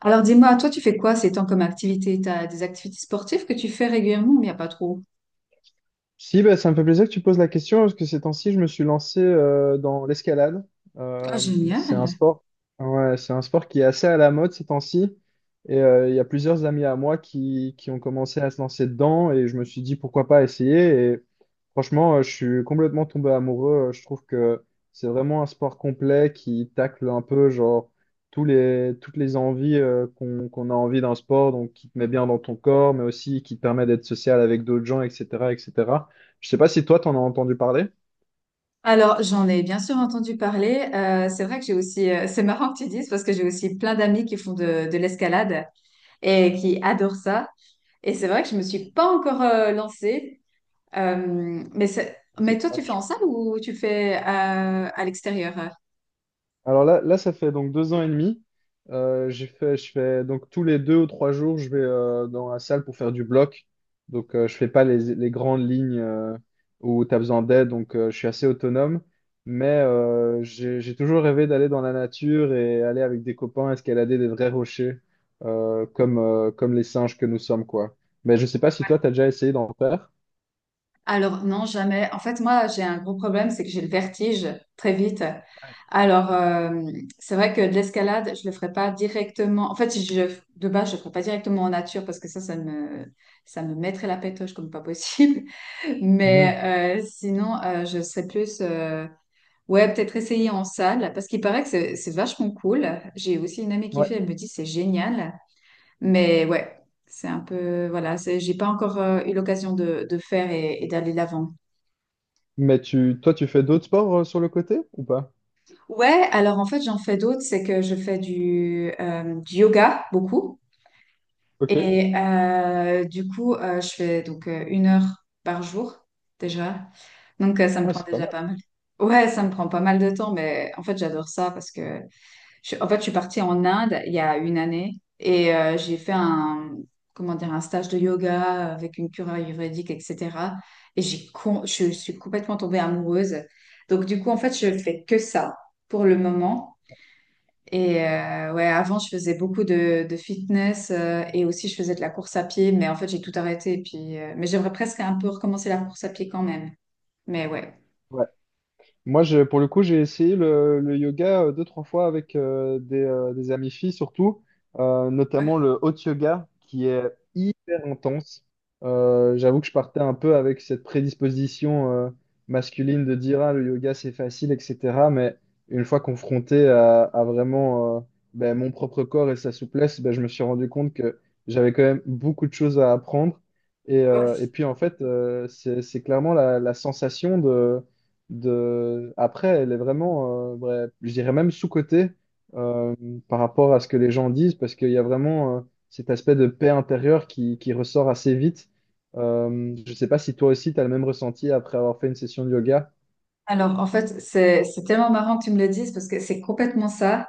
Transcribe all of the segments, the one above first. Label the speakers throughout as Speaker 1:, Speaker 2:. Speaker 1: Alors dis-moi, toi tu fais quoi ces temps comme activité? T'as des activités sportives que tu fais régulièrement ou il n'y a pas trop?
Speaker 2: Si, bah, ça me fait plaisir que tu poses la question parce que ces temps-ci, je me suis lancé dans l'escalade.
Speaker 1: Ah,
Speaker 2: C'est un
Speaker 1: génial.
Speaker 2: sport, ouais, c'est un sport qui est assez à la mode ces temps-ci. Et il y a plusieurs amis à moi qui ont commencé à se lancer dedans et je me suis dit pourquoi pas essayer. Et franchement, je suis complètement tombé amoureux. Je trouve que c'est vraiment un sport complet qui tacle un peu genre toutes les envies qu'on a envie d'un sport, donc qui te met bien dans ton corps, mais aussi qui te permet d'être social avec d'autres gens, etc., etc. Je sais pas si toi, t'en as entendu parler.
Speaker 1: Alors j'en ai bien sûr entendu parler. C'est vrai que j'ai aussi, c'est marrant que tu dises parce que j'ai aussi plein d'amis qui font de l'escalade et qui adorent ça. Et c'est vrai que je me suis pas encore lancée. Mais,
Speaker 2: Ah, c'est
Speaker 1: mais toi tu fais en
Speaker 2: dommage.
Speaker 1: salle ou tu fais à l'extérieur?
Speaker 2: Alors là, ça fait donc deux ans et demi. Je fais donc tous les deux ou trois jours, je vais dans la salle pour faire du bloc. Donc je fais pas les grandes lignes où tu as besoin d'aide, donc je suis assez autonome. Mais j'ai toujours rêvé d'aller dans la nature et aller avec des copains escalader des vrais rochers comme, comme les singes que nous sommes, quoi. Mais je sais pas si toi, tu as déjà essayé d'en faire.
Speaker 1: Alors non, jamais. En fait, moi, j'ai un gros problème, c'est que j'ai le vertige très vite. Alors, c'est vrai que de l'escalade, je le ferai pas directement. En fait, si je, de base, je le ferai pas directement en nature parce que ça me mettrait la pétoche comme pas possible.
Speaker 2: Mhm.
Speaker 1: Mais sinon, je serais plus, ouais, peut-être essayer en salle parce qu'il paraît que c'est vachement cool. J'ai aussi une amie qui
Speaker 2: Ouais.
Speaker 1: fait, elle me dit c'est génial. Mais ouais, c'est un peu, voilà, j'ai pas encore eu l'occasion de faire et d'aller l'avant.
Speaker 2: Mais toi, tu fais d'autres sports sur le côté ou pas?
Speaker 1: Ouais, alors en fait, j'en fais d'autres. C'est que je fais du yoga beaucoup.
Speaker 2: Ok.
Speaker 1: Et du coup, je fais donc une heure par jour déjà. Donc, ça me
Speaker 2: Ah,
Speaker 1: prend
Speaker 2: c'est pas
Speaker 1: déjà
Speaker 2: mal.
Speaker 1: pas mal. Ouais, ça me prend pas mal de temps, mais en fait, j'adore ça parce que en fait, je suis partie en Inde il y a une année et j'ai fait un, comment dire, un stage de yoga avec une cure ayurvédique, etc. Et je suis complètement tombée amoureuse. Donc, du coup, en fait, je fais que ça pour le moment. Et ouais, avant, je faisais beaucoup de fitness et aussi je faisais de la course à pied, mais en fait, j'ai tout arrêté. Et puis, mais j'aimerais presque un peu recommencer la course à pied quand même. Mais ouais.
Speaker 2: Moi, pour le coup, j'ai essayé le yoga deux, trois fois avec des amies filles, surtout, notamment le hot yoga, qui est hyper intense. J'avoue que je partais un peu avec cette prédisposition masculine de dire, ah, le yoga, c'est facile, etc. Mais une fois confronté à vraiment ben, mon propre corps et sa souplesse, ben, je me suis rendu compte que j'avais quand même beaucoup de choses à apprendre. Et puis, en fait, c'est clairement la sensation de Après, elle est vraiment, ouais, je dirais même sous-cotée euh, par rapport à ce que les gens disent, parce qu'il y a vraiment cet aspect de paix intérieure qui ressort assez vite. Je sais pas si toi aussi, tu as le même ressenti après avoir fait une session de yoga.
Speaker 1: Alors, en fait, c'est tellement marrant que tu me le dises parce que c'est complètement ça.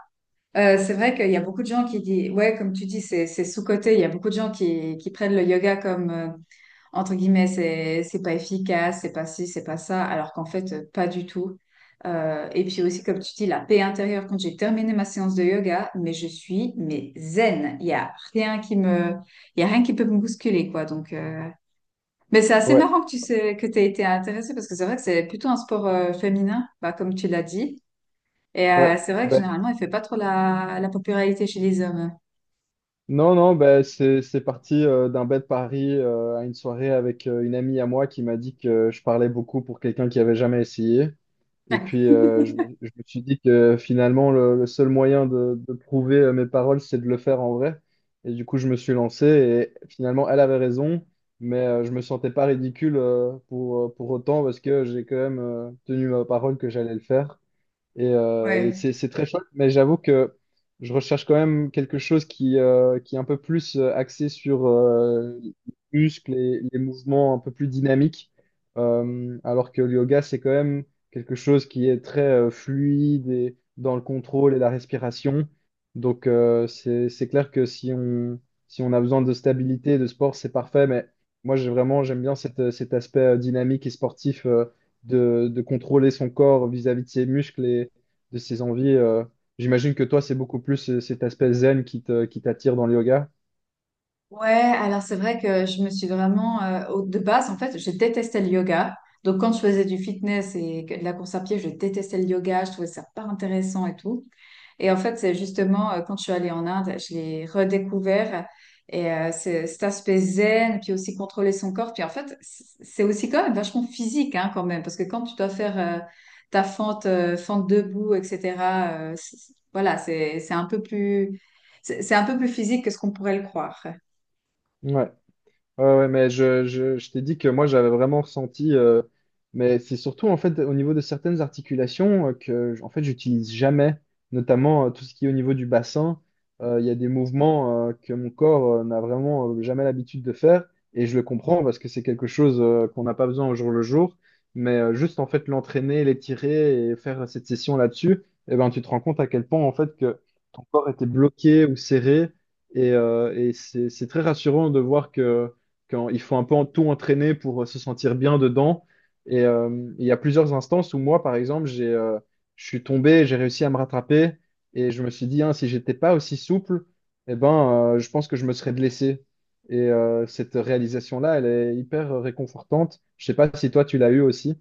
Speaker 1: C'est vrai qu'il y a beaucoup de gens qui disent, ouais, comme tu dis, c'est sous-coté. Il y a beaucoup de gens qui prennent le yoga comme, entre guillemets, c'est pas efficace, c'est pas ci, c'est pas ça, alors qu'en fait, pas du tout. Et puis aussi, comme tu dis, la paix intérieure quand j'ai terminé ma séance de yoga, mais je suis mais zen. Il y a rien qui peut me bousculer, quoi. Donc, mais c'est assez
Speaker 2: Ouais,
Speaker 1: marrant que tu sais que t'aies été intéressée parce que c'est vrai que c'est plutôt un sport féminin, bah, comme tu l'as dit. Et
Speaker 2: ouais.
Speaker 1: c'est vrai que
Speaker 2: Ben,
Speaker 1: généralement, il fait pas trop la popularité chez les hommes.
Speaker 2: Non, non, ben, c'est parti d'un bête pari à une soirée avec une amie à moi qui m'a dit que je parlais beaucoup pour quelqu'un qui avait jamais essayé. Et puis, je me suis dit que finalement, le seul moyen de prouver mes paroles, c'est de le faire en vrai. Et du coup, je me suis lancé et finalement, elle avait raison, mais je me sentais pas ridicule pour autant parce que j'ai quand même tenu ma parole que j'allais le faire. Et
Speaker 1: Ouais.
Speaker 2: c'est très chouette, mais j'avoue que je recherche quand même quelque chose qui est un peu plus axé sur les muscles et les mouvements un peu plus dynamiques. Alors que le yoga, c'est quand même quelque chose qui est très fluide et dans le contrôle et la respiration. Donc c'est clair que si on a besoin de stabilité, de sport, c'est parfait. Mais moi, j'aime bien cet aspect dynamique et sportif. De contrôler son corps vis-à-vis de ses muscles de ses envies. J'imagine que toi, c'est beaucoup plus cet aspect zen qui qui t'attire dans le yoga.
Speaker 1: Ouais, alors c'est vrai que je me suis vraiment, de base, en fait, je détestais le yoga. Donc quand je faisais du fitness de la course à pied, je détestais le yoga, je trouvais ça pas intéressant et tout. Et en fait, c'est justement quand je suis allée en Inde, je l'ai redécouvert. Et cet aspect zen, puis aussi contrôler son corps. Puis en fait, c'est aussi quand même vachement physique, hein, quand même. Parce que quand tu dois faire ta fente, fente debout, etc., voilà, c'est un peu plus physique que ce qu'on pourrait le croire.
Speaker 2: Ouais. Ouais, ouais, mais je t'ai dit que moi j'avais vraiment ressenti, mais c'est surtout en fait au niveau de certaines articulations en fait j'utilise jamais, notamment tout ce qui est au niveau du bassin. Il y a des mouvements que mon corps n'a vraiment jamais l'habitude de faire et je le comprends parce que c'est quelque chose qu'on n'a pas besoin au jour le jour, mais juste en fait l'entraîner, l'étirer et faire cette session là-dessus, eh ben tu te rends compte à quel point en fait que ton corps était bloqué ou serré et c'est très rassurant de voir que quand il faut un peu tout entraîner pour se sentir bien dedans. Et il y a plusieurs instances où moi, par exemple, je suis tombé, j'ai réussi à me rattraper et je me suis dit, hein, si j'étais pas aussi souple, eh ben, je pense que je me serais blessé. Et cette réalisation-là, elle est hyper réconfortante. Je sais pas si toi, tu l'as eu aussi.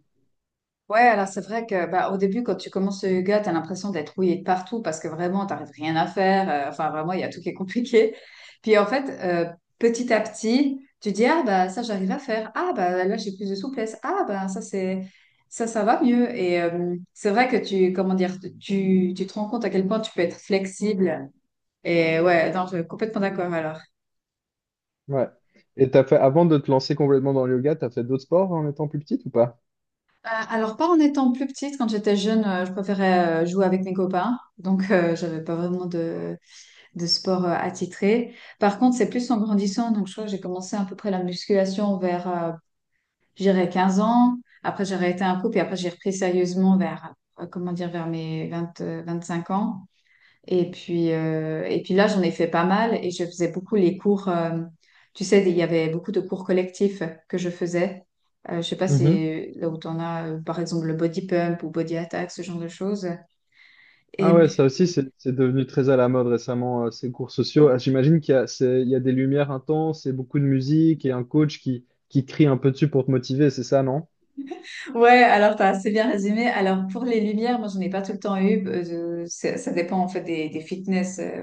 Speaker 1: Ouais, alors c'est vrai que bah, au début, quand tu commences le yoga, tu as l'impression d'être rouillé de partout parce que vraiment, tu n'arrives rien à faire. Enfin, vraiment, il y a tout qui est compliqué. Puis en fait, petit à petit, tu dis, ah bah ça, j'arrive à faire. Ah bah là, j'ai plus de souplesse. Ah bah ça, c'est ça, ça va mieux. Et c'est vrai que comment dire, tu te rends compte à quel point tu peux être flexible. Et ouais, non, je suis complètement d'accord alors.
Speaker 2: Ouais. Et t'as fait, avant de te lancer complètement dans le yoga, t'as fait d'autres sports en étant plus petite ou pas?
Speaker 1: Alors, pas en étant plus petite, quand j'étais jeune, je préférais jouer avec mes copains. Donc, j'avais pas vraiment de sport attitré. Par contre, c'est plus en grandissant. Donc, je crois que j'ai commencé à peu près la musculation vers, j'irais 15 ans. Après, j'ai arrêté un coup, puis après, j'ai repris sérieusement comment dire, vers mes vingt cinq ans. Et puis là, j'en ai fait pas mal et je faisais beaucoup les cours. Tu sais, il y avait beaucoup de cours collectifs que je faisais. Je sais pas si là où tu en as, par exemple, le body pump ou body attack, ce genre de choses. Et
Speaker 2: Ah ouais,
Speaker 1: puis,
Speaker 2: ça aussi, c'est devenu très à la mode récemment, ces cours sociaux. Ah, j'imagine qu'il y a, il y a des lumières intenses et beaucoup de musique et un coach qui crie un peu dessus pour te motiver, c'est ça, non?
Speaker 1: Ouais, alors t'as assez bien résumé. Alors pour les lumières, moi j'en ai pas tout le temps eu. Ça dépend en fait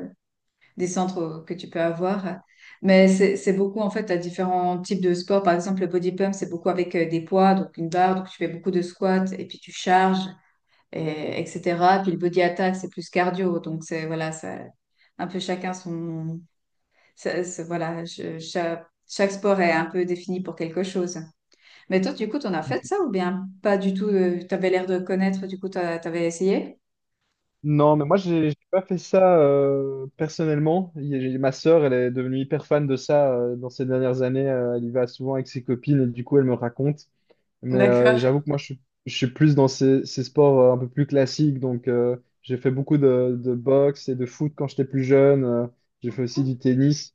Speaker 1: des centres que tu peux avoir. Mais c'est beaucoup en fait à différents types de sports. Par exemple, le body pump, c'est beaucoup avec des poids, donc une barre, donc tu fais beaucoup de squats et puis tu charges, et, etc. Puis le body attack, c'est plus cardio. Donc c'est voilà, ça, un peu chacun son. Voilà, chaque sport est un peu défini pour quelque chose. Mais toi, du coup, t'en as fait
Speaker 2: Ok.
Speaker 1: ça ou bien pas du tout? T'avais l'air de connaître, du coup, t'avais essayé?
Speaker 2: Non, mais moi, j'ai pas fait ça personnellement. Ma sœur, elle est devenue hyper fan de ça dans ces dernières années. Elle y va souvent avec ses copines et du coup, elle me raconte. Mais
Speaker 1: D'accord.
Speaker 2: j'avoue que je suis plus dans ces sports un peu plus classiques. Donc, j'ai fait beaucoup de boxe et de foot quand j'étais plus jeune. J'ai fait aussi du tennis.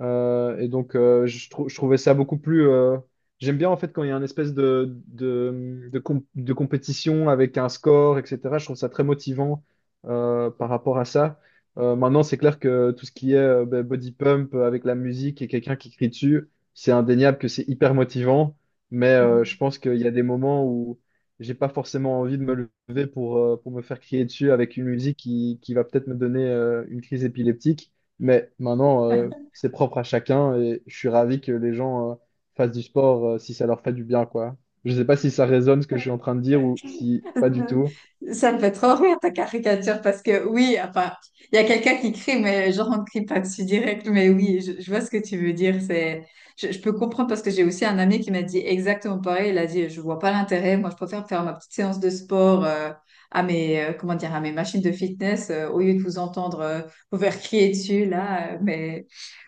Speaker 2: Je trouvais ça beaucoup plus. J'aime bien en fait quand il y a une espèce de compétition avec un score, etc. Je trouve ça très motivant par rapport à ça. Maintenant, c'est clair que tout ce qui est ben, body pump avec la musique et quelqu'un qui crie dessus, c'est indéniable que c'est hyper motivant. Mais je pense qu'il y a des moments où j'ai pas forcément envie de me lever pour me faire crier dessus avec une musique qui va peut-être me donner une crise épileptique. Mais maintenant, c'est propre à chacun et je suis ravi que les gens fassent du sport si ça leur fait du bien, quoi. Je sais pas si ça résonne ce que je suis en train de dire ou si pas du tout.
Speaker 1: Ça me fait trop rire ta caricature parce que oui, enfin, il y a quelqu'un qui crie, mais genre on ne crie pas dessus direct. Mais oui, je vois ce que tu veux dire. Je peux comprendre parce que j'ai aussi un ami qui m'a dit exactement pareil. Il a dit, je vois pas l'intérêt. Moi, je préfère faire ma petite séance de sport comment dire, à mes machines de fitness au lieu de vous entendre vous faire crier dessus là. Mais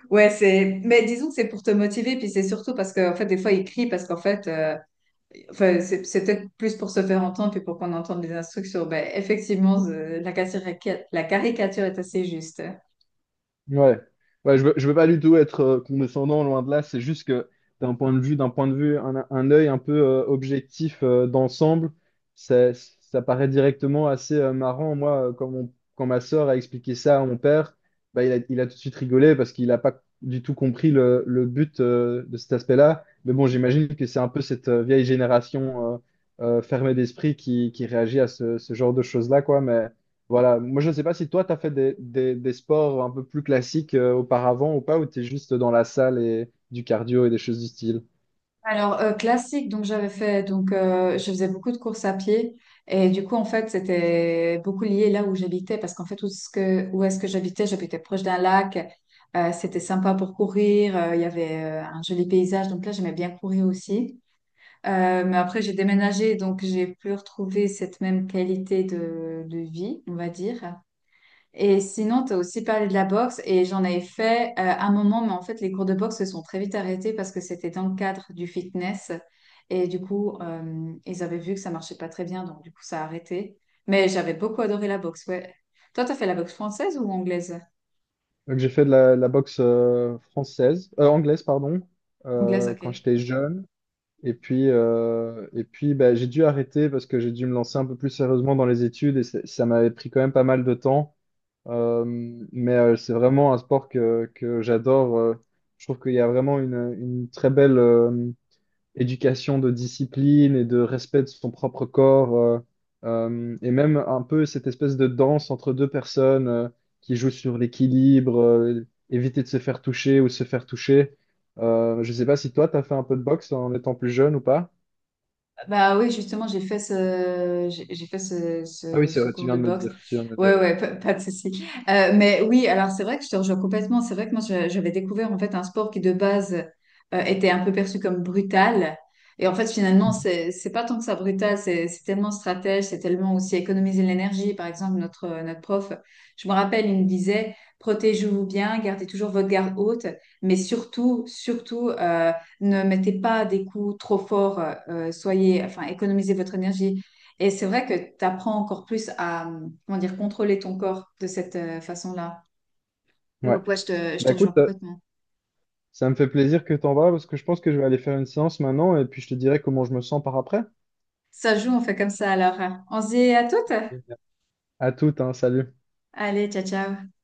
Speaker 1: ouais, c'est. Mais disons que c'est pour te motiver, puis c'est surtout parce que, en fait, des fois, ils crient parce qu'en fait, enfin, c'est peut-être plus pour se faire entendre, puis pour qu'on entende les instructions. Ben, effectivement, la caricature est assez juste.
Speaker 2: Ouais, ouais, je veux pas du tout être condescendant, loin de là. C'est juste que d'un point de vue, un œil un peu objectif d'ensemble, ça paraît directement assez marrant. Quand ma sœur a expliqué ça à mon père, bah, il a tout de suite rigolé parce qu'il n'a pas du tout compris le but de cet aspect-là. Mais bon, j'imagine que c'est un peu cette vieille génération fermée d'esprit qui réagit à ce genre de choses-là, quoi. Mais voilà, moi je ne sais pas si toi tu as fait des sports un peu plus classiques auparavant ou pas, ou tu es juste dans la salle et du cardio et des choses du style.
Speaker 1: Alors, classique, donc je faisais beaucoup de courses à pied et du coup, en fait, c'était beaucoup lié là où j'habitais parce qu'en fait, où est-ce que j'habitais? J'habitais proche d'un lac, c'était sympa pour courir, il y avait un joli paysage, donc là, j'aimais bien courir aussi. Mais après, j'ai déménagé, donc j'ai plus retrouvé cette même qualité de vie, on va dire. Et sinon, tu as aussi parlé de la boxe et j'en avais fait un moment, mais en fait, les cours de boxe se sont très vite arrêtés parce que c'était dans le cadre du fitness et du coup, ils avaient vu que ça marchait pas très bien, donc du coup, ça a arrêté. Mais j'avais beaucoup adoré la boxe, ouais. Toi, tu as fait la boxe française ou anglaise?
Speaker 2: Donc j'ai fait de la boxe française, anglaise, pardon,
Speaker 1: Anglaise,
Speaker 2: quand
Speaker 1: ok.
Speaker 2: j'étais jeune. Et puis bah, j'ai dû arrêter parce que j'ai dû me lancer un peu plus sérieusement dans les études et ça m'avait pris quand même pas mal de temps. Euh, mais c'est vraiment un sport que j'adore. Je trouve qu'il y a vraiment une très belle... éducation de discipline et de respect de son propre corps, et même un peu cette espèce de danse entre deux personnes qui jouent sur l'équilibre, éviter de se faire toucher ou se faire toucher. Je sais pas si toi, tu as fait un peu de boxe en étant plus jeune ou pas.
Speaker 1: Bah oui, justement, j'ai fait ce,
Speaker 2: Ah oui,
Speaker 1: ce,
Speaker 2: c'est
Speaker 1: ce
Speaker 2: vrai, tu
Speaker 1: cours
Speaker 2: viens
Speaker 1: de
Speaker 2: de me
Speaker 1: boxe.
Speaker 2: dire. Tu viens de me dire,
Speaker 1: Ouais,
Speaker 2: ouais.
Speaker 1: ouais, pas de souci. Mais oui, alors c'est vrai que je te rejoins complètement. C'est vrai que moi, j'avais découvert en fait un sport qui de base était un peu perçu comme brutal. Et en fait, finalement,
Speaker 2: Mhm.
Speaker 1: c'est pas tant que ça brutal, c'est tellement stratège, c'est tellement aussi économiser de l'énergie. Par exemple, notre prof, je me rappelle, il me disait, protégez-vous bien, gardez toujours votre garde haute, mais surtout, surtout, ne mettez pas des coups trop forts, enfin, économisez votre énergie. Et c'est vrai que tu apprends encore plus à, comment dire, contrôler ton corps de cette façon-là.
Speaker 2: Ouais.
Speaker 1: Donc ouais, je te, je
Speaker 2: Bah
Speaker 1: te rejoins
Speaker 2: écoute,
Speaker 1: complètement.
Speaker 2: ça me fait plaisir que t'en vas parce que je pense que je vais aller faire une séance maintenant et puis je te dirai comment je me sens par après.
Speaker 1: Ça joue, on fait comme ça alors. On se dit à toutes.
Speaker 2: Génial. À toute, hein, salut.
Speaker 1: Allez, ciao, ciao.